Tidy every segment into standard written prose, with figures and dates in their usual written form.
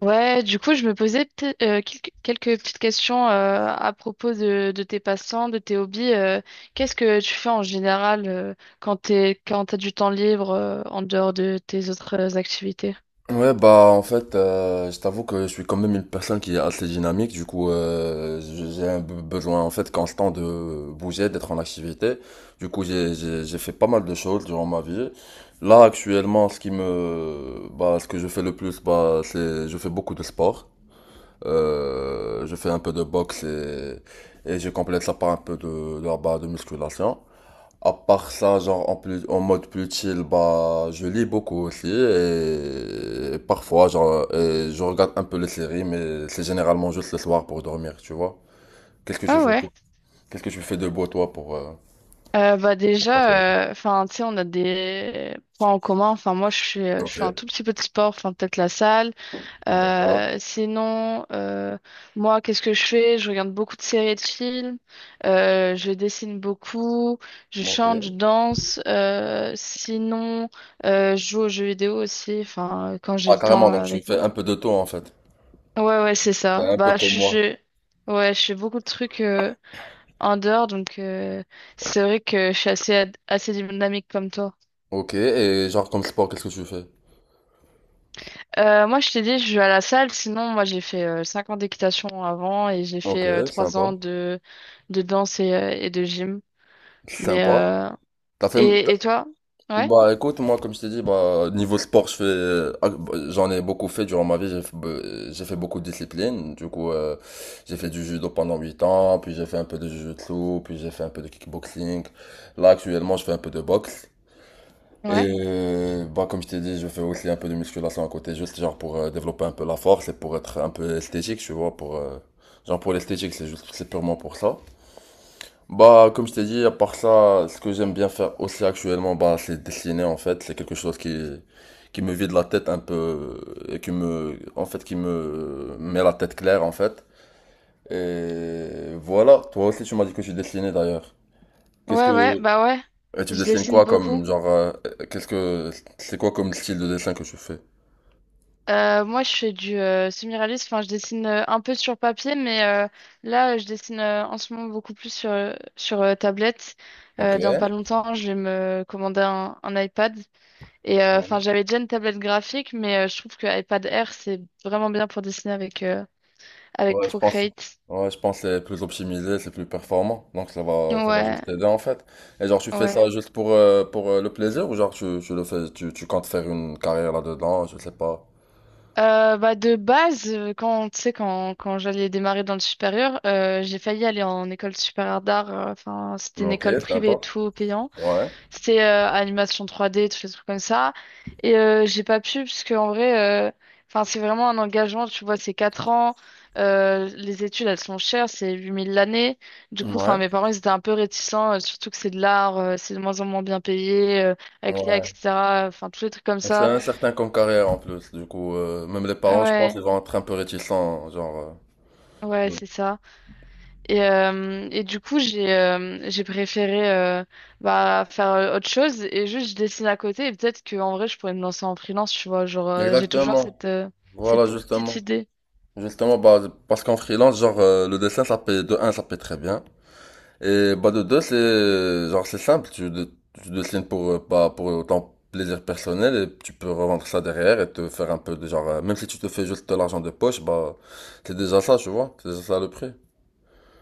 Je me posais quelques petites questions à propos de tes passants, de tes hobbies. Qu'est-ce que tu fais en général quand t'as du temps libre en dehors de tes autres activités? Ouais, bah en fait, je t'avoue que je suis quand même une personne qui est assez dynamique, du coup j'ai un besoin en fait constant de bouger, d'être en activité. Du coup j'ai fait pas mal de choses durant ma vie. Là actuellement, ce qui me bah ce que je fais le plus, bah c'est je fais beaucoup de sport. Je fais un peu de boxe et je complète ça par un peu de musculation. À part ça, genre en plus, en mode plus chill, bah, je lis beaucoup aussi et parfois, genre, je regarde un peu les séries, mais c'est généralement juste le soir pour dormir, tu vois. Qu'est-ce que tu Ah fais ouais. pour- Qu'est-ce que tu fais de beau toi Bah pour passer le temps? déjà, enfin, tu sais, on a des points en commun. Enfin, moi, je Ok, suis un tout petit peu de sport, enfin, peut-être la salle. d'accord. Euh, sinon, euh, moi, qu'est-ce que je fais? Je regarde beaucoup de séries et de films. Je dessine beaucoup. Je Ok. chante, je danse. Je joue aux jeux vidéo aussi. Enfin, quand j'ai Ah, le carrément, temps donc tu avec. fais un peu de tout en fait. Ouais, ouais, c'est T'es ça. un peu Bah, comme moi. je... ouais, je fais beaucoup de trucs. En dehors donc c'est vrai que je suis assez dynamique comme toi. Ok, et genre comme sport, qu'est-ce que tu fais? Moi, je t'ai dit, je vais à la salle. Sinon, moi, j'ai fait 5 ans d'équitation avant et j'ai Ok, fait 3 sympa. ans de danse et de gym. Mais Sympa. euh, T'as fait, et toi? Ouais, Bah écoute, moi comme je t'ai dit, bah niveau sport, bah, j'en ai beaucoup fait durant ma vie, j'ai fait beaucoup de disciplines, du coup j'ai fait du judo pendant 8 ans, puis j'ai fait un peu de jujutsu, puis j'ai fait un peu de kickboxing, là actuellement je fais un peu de boxe, ouais, et bah comme je t'ai dit, je fais aussi un peu de musculation à côté, juste genre pour développer un peu la force et pour être un peu esthétique, tu vois, genre pour l'esthétique, c'est juste, c'est purement pour ça. Bah, comme je t'ai dit, à part ça, ce que j'aime bien faire aussi actuellement, bah, c'est dessiner en fait. C'est quelque chose qui me vide la tête un peu et qui me met la tête claire en fait. Et voilà, toi aussi tu m'as dit que tu dessinais d'ailleurs. Qu'est-ce ouais, que... ouais, bah ouais. Et tu Je dessines dessine quoi comme beaucoup. genre... qu'est-ce que... C'est quoi comme style de dessin que tu fais? Moi, je fais du semi-réaliste. Enfin, je dessine un peu sur papier, là, je dessine en ce moment beaucoup plus sur, tablette. Ok. Dans pas longtemps, je vais me commander un iPad. Enfin, j'avais déjà une tablette graphique, je trouve que iPad Air, c'est vraiment bien pour dessiner avec, avec Ouais, je pense. Procreate. Ouais, je pense que c'est plus optimisé, c'est plus performant. Donc ça va Ouais, juste t'aider en fait. Et genre tu fais ouais. ça juste pour le plaisir ou genre tu, tu le fais, tu comptes faire une carrière là-dedans, je sais pas. Bah de base, quand tu sais quand quand j'allais démarrer dans le supérieur, j'ai failli aller en école supérieure d'art. Enfin, c'était Mais une ok, école sympa. privée et tout payant. Ouais. C'était animation 3D, tous les trucs comme ça. J'ai pas pu, parce que en vrai, euh, enfin, c'est vraiment un engagement, tu vois, c'est 4 ans. Les études, elles sont chères, c'est 8 000 l'année. Du coup, enfin, Ouais. mes parents, ils étaient un peu réticents, surtout que c'est de l'art, c'est de moins en moins bien payé, avec l'IA, Ouais. etc. Enfin, tous les trucs comme C'est ça. incertain comme carrière en plus. Du coup, même les parents, je pense, ils Ouais, vont être un peu réticents, genre. Ouais, donc. c'est ça. Et du coup, j'ai préféré faire autre chose et juste je dessine à côté et peut-être qu'en vrai, je pourrais me lancer en freelance, tu vois. Genre, j'ai toujours cette, Exactement. Voilà, cette petite justement. idée. Justement, bah, parce qu'en freelance, genre, le dessin, ça paye, de un, ça paye très bien. Et bah de deux c'est genre c'est simple, tu dessines pour pas pour ton plaisir personnel et tu peux revendre ça derrière et te faire un peu de genre même si tu te fais juste de l'argent de poche, bah c'est déjà ça, tu vois, c'est déjà ça le prix.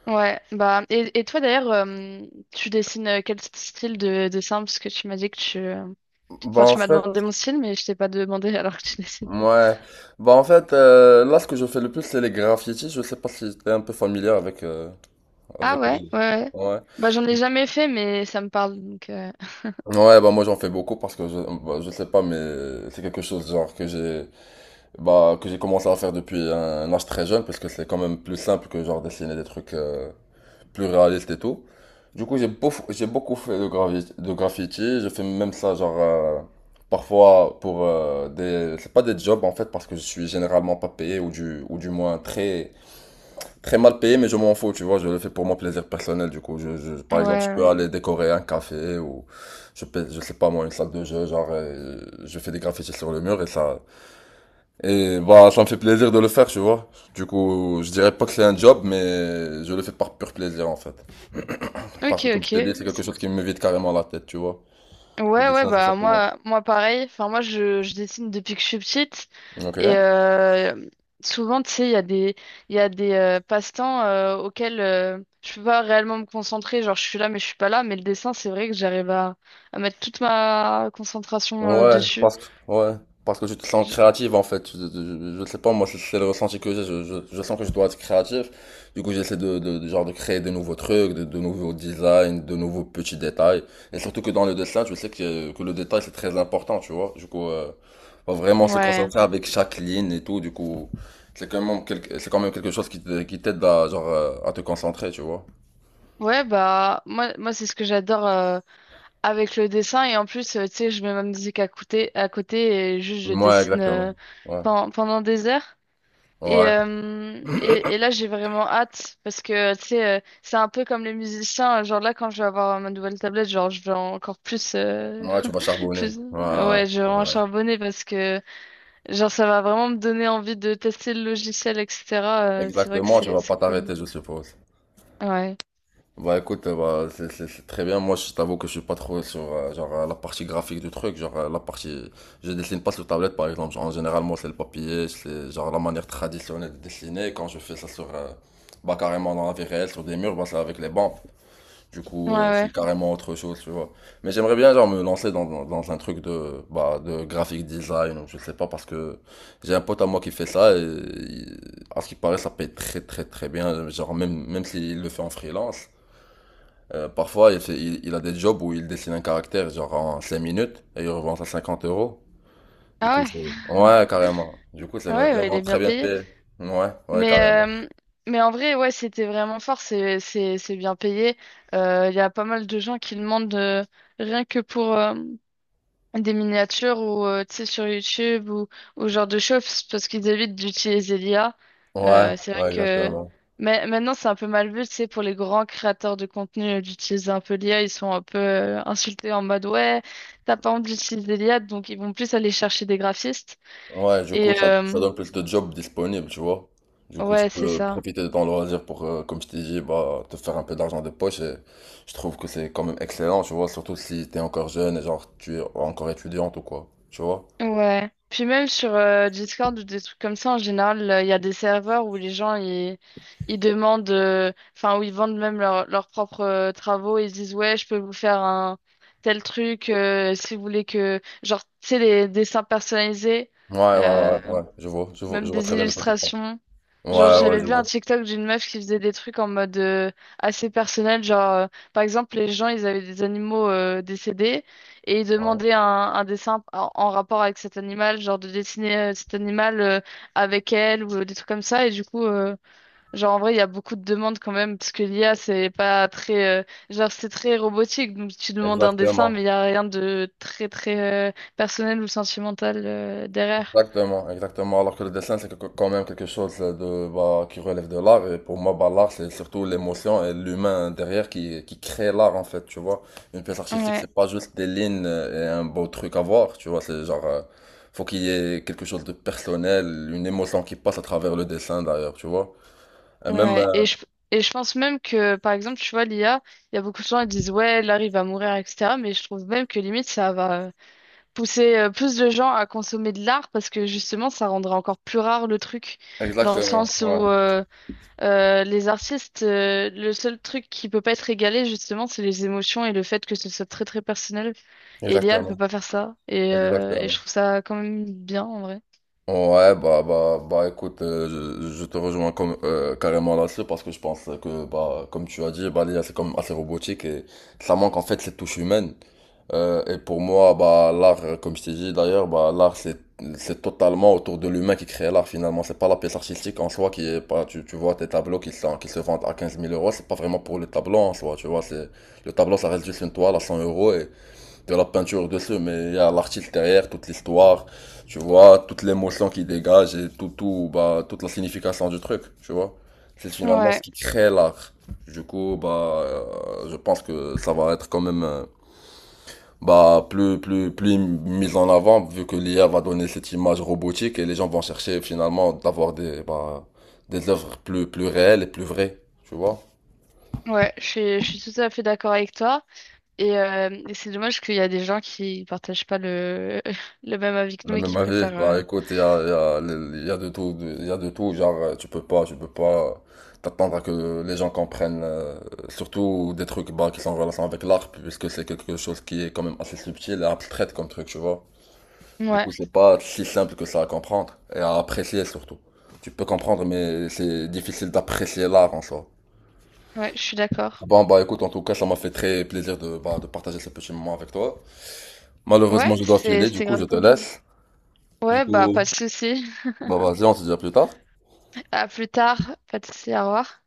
Ouais, bah, et toi d'ailleurs, tu dessines quel style de dessin? Parce que tu m'as dit que tu. Enfin, Bah en tu m'as fait, demandé mon style, mais je t'ai pas demandé alors que tu dessines. ouais. Bah en fait, là ce que je fais le plus c'est les graffitis, je sais pas si t'es un peu familier avec Ah avec ouais, les. ouais, ouais. Ouais. Bah, j'en ai jamais fait, mais ça me parle donc. Ouais, bah moi j'en fais beaucoup parce que bah, je sais pas mais c'est quelque chose genre que j'ai commencé à faire depuis un âge très jeune, parce que c'est quand même plus simple que genre dessiner des trucs plus réalistes et tout. Du coup, j'ai beaucoup fait de graffiti. Je fais même ça, genre, parfois pour des. C'est pas des jobs en fait, parce que je suis généralement pas payé, ou du moins très, très mal payé, mais je m'en fous, tu vois. Je le fais pour mon plaisir personnel, du coup. Ouais, Par exemple, je peux ouais. aller décorer un café, ou je sais pas moi, une salle de jeu, genre, je fais des graffitis sur le mur, et bah, ça me fait plaisir de le faire, tu vois. Du coup, je dirais pas que c'est un job, mais je le fais par pur plaisir, en fait. Parce Ok, que, comme je ok. t'ai dit, c'est quelque chose qui me vide carrément la tête, tu vois. Je Ouais, dis ouais, ça, c'est ça bah pour moi. moi, moi pareil. Enfin, moi, je dessine depuis que je suis petite. Ok. Et euh, souvent, tu sais, il y a des passe-temps auxquels je peux pas réellement me concentrer. Genre, je suis là, mais je suis pas là. Mais le dessin, c'est vrai que j'arrive à mettre toute ma concentration Ouais, dessus. Ouais, parce que tu te sens Je- créative en fait. Je sais pas, moi c'est le ressenti que j'ai. Je sens que je dois être créatif. Du coup, j'essaie genre de créer de nouveaux trucs, de nouveaux designs, de nouveaux petits détails. Et surtout que dans le dessin, tu sais que le détail c'est très important, tu vois. Du coup, faut vraiment se Ouais. concentrer avec chaque ligne et tout. Du coup, c'est quand même quelque chose qui t'aide à, genre, à te concentrer, tu vois. Ouais, bah moi, moi c'est ce que j'adore avec le dessin. Et en plus, tu sais, je mets ma musique à côté et juste je Ouais, dessine exactement. Ouais, pendant des heures. Et, ouais, et là, j'ai vraiment hâte parce que, tu sais, c'est un peu comme les musiciens. Genre là, quand je vais avoir ma nouvelle tablette, genre, je vais encore plus, ouais, tu vas charbonner. plus, Ouais, ouais, je vais ouais, vraiment ouais. charbonner parce que, genre, ça va vraiment me donner envie de tester le logiciel, etc. C'est vrai que Exactement, tu vas c'est pas cool. t'arrêter, je suppose. Ouais. Bah écoute, bah, c'est très bien. Moi, je t'avoue que je suis pas trop sur genre la partie graphique du truc, genre la partie, je dessine pas sur tablette par exemple. Genre, en général, moi, c'est le papier, c'est genre la manière traditionnelle de dessiner. Quand je fais ça sur, bah carrément dans la vie réelle, sur des murs, bah c'est avec les bandes. Du coup, Ouais, ouais. c'est carrément autre chose, tu vois. Mais j'aimerais bien, genre, me lancer dans un truc de, bah, de graphic design, ou je sais pas, parce que j'ai un pote à moi qui fait ça, à ce qui paraît, ça paye très, très, très bien, genre, même, même s'il le fait en freelance. Parfois, il a des jobs où il dessine un caractère, genre, en 5 minutes, et il revend ça 50 euros. Du Ah coup, ouais. c'est. Ouais, carrément. Du coup, c'est Ah ouais, ouais, il vraiment est très bien bien payé. payé. Ouais, ouais, Mais, carrément. euh, mais en vrai, ouais, c'était vraiment fort. C'est bien payé. Il y a pas mal de gens qui demandent, rien que pour, des miniatures ou tu sais sur YouTube ou genre de choses parce qu'ils évitent d'utiliser l'IA. Ouais, C'est vrai ouais, que exactement. mais maintenant c'est un peu mal vu, tu sais, pour les grands créateurs de contenu d'utiliser un peu l'IA, ils sont un peu insultés en mode ouais, t'as pas honte d'utiliser l'IA, donc ils vont plus aller chercher des graphistes. Ouais, du coup, Et ça euh, donne plus de jobs disponibles, tu vois. Du coup, tu ouais, c'est peux ça. profiter de ton loisir pour, comme je t'ai dit, bah, te faire un peu d'argent de poche. Et je trouve que c'est quand même excellent, tu vois, surtout si t'es encore jeune et genre tu es encore étudiante ou quoi, tu vois. Ouais. Puis même sur Discord ou des trucs comme ça, en général, il y a des serveurs où les gens, ils demandent, enfin, où ils vendent même leurs propres travaux et ils disent, ouais, je peux vous faire un tel truc, si vous voulez que, genre, tu sais, les dessins personnalisés. Ouais, ouais, euh, ouais, ouais, je vois, je vois, même je vois des très bien de quoi tu parles. illustrations. Genre, Ouais, ouais, j'avais je vu un vois. TikTok d'une meuf qui faisait des trucs en mode assez personnel. Genre, par exemple, les gens, ils avaient des animaux décédés et ils Ouais, demandaient un dessin en, en rapport avec cet animal, genre de dessiner cet animal avec elle ou des trucs comme ça. Et du coup, genre, en vrai, il y a beaucoup de demandes quand même parce que l'IA, c'est pas très, genre, c'est très robotique. Donc, tu demandes un dessin, exactement. mais il y a rien de très, très personnel ou sentimental derrière. Exactement, exactement. Alors que le dessin, c'est quand même quelque chose de, bah, qui relève de l'art. Et pour moi, bah, l'art, c'est surtout l'émotion et l'humain derrière qui crée l'art, en fait, tu vois. Une pièce artistique, Ouais. c'est pas juste des lignes et un beau truc à voir, tu vois. C'est genre, faut qu'il y ait quelque chose de personnel, une émotion qui passe à travers le dessin, d'ailleurs, tu vois. Et même, Ouais, et je, et je pense même que, par exemple, tu vois, l'IA, il y a beaucoup de gens qui disent, ouais, l'art, il va mourir, etc. Mais je trouve même que limite, ça va pousser plus de gens à consommer de l'art parce que justement, ça rendra encore plus rare le truc. Dans le exactement, sens où ouais, euh, euh, les artistes, le seul truc qui peut pas être égalé, justement, c'est les émotions et le fait que ce soit très, très personnel. Et l'IA, elle peut exactement, pas faire ça. Et je exactement. trouve ça quand même bien, en vrai. Ouais, bah écoute, je te rejoins carrément là-dessus parce que je pense que, bah, comme tu as dit, bah, l'IA c'est comme assez robotique et ça manque en fait cette touche humaine. Et pour moi, bah, l'art, comme je t'ai dit d'ailleurs, bah, l'art c'est totalement autour de l'humain qui crée l'art finalement. C'est pas la pièce artistique en soi qui est pas, tu vois tes tableaux qui se vendent à quinze mille euros, c'est pas vraiment pour le tableau en soi, tu vois, le tableau ça reste juste une toile à 100 € de la peinture dessus, mais il y a l'artiste derrière, toute l'histoire, tu vois, toute l'émotion qui dégage et tout, toute la signification du truc, tu vois. C'est finalement ce Ouais, qui crée l'art. Du coup, bah, je pense que ça va être quand même, bah, plus mis en avant, vu que l'IA va donner cette image robotique et les gens vont chercher finalement d'avoir bah, des œuvres plus réelles et plus vraies, tu vois. ouais, je suis tout à fait d'accord avec toi. Et c'est dommage qu'il y a des gens qui partagent pas le, le même avis que Le nous et même qui avis, préfèrent. bah euh, écoute, il y a de tout, il y a de tout, genre tu peux pas t'attendre à que les gens comprennent, surtout des trucs bah, qui sont en relation avec l'art, puisque c'est quelque chose qui est quand même assez subtil et abstrait comme truc, tu vois. Du Ouais, coup, c'est pas si simple que ça à comprendre et à apprécier surtout. Tu peux comprendre, mais c'est difficile d'apprécier l'art en soi. ouais, je suis d'accord. Bon, bah écoute, en tout cas, ça m'a fait très plaisir de partager ce petit moment avec toi. Ouais, Malheureusement, je dois filer, du c'était coup, je grave te cool. laisse. Du Ouais, coup, bah, pas de souci. bah vas-y, on se dit à plus tard. À plus tard. Pas de souci, au revoir.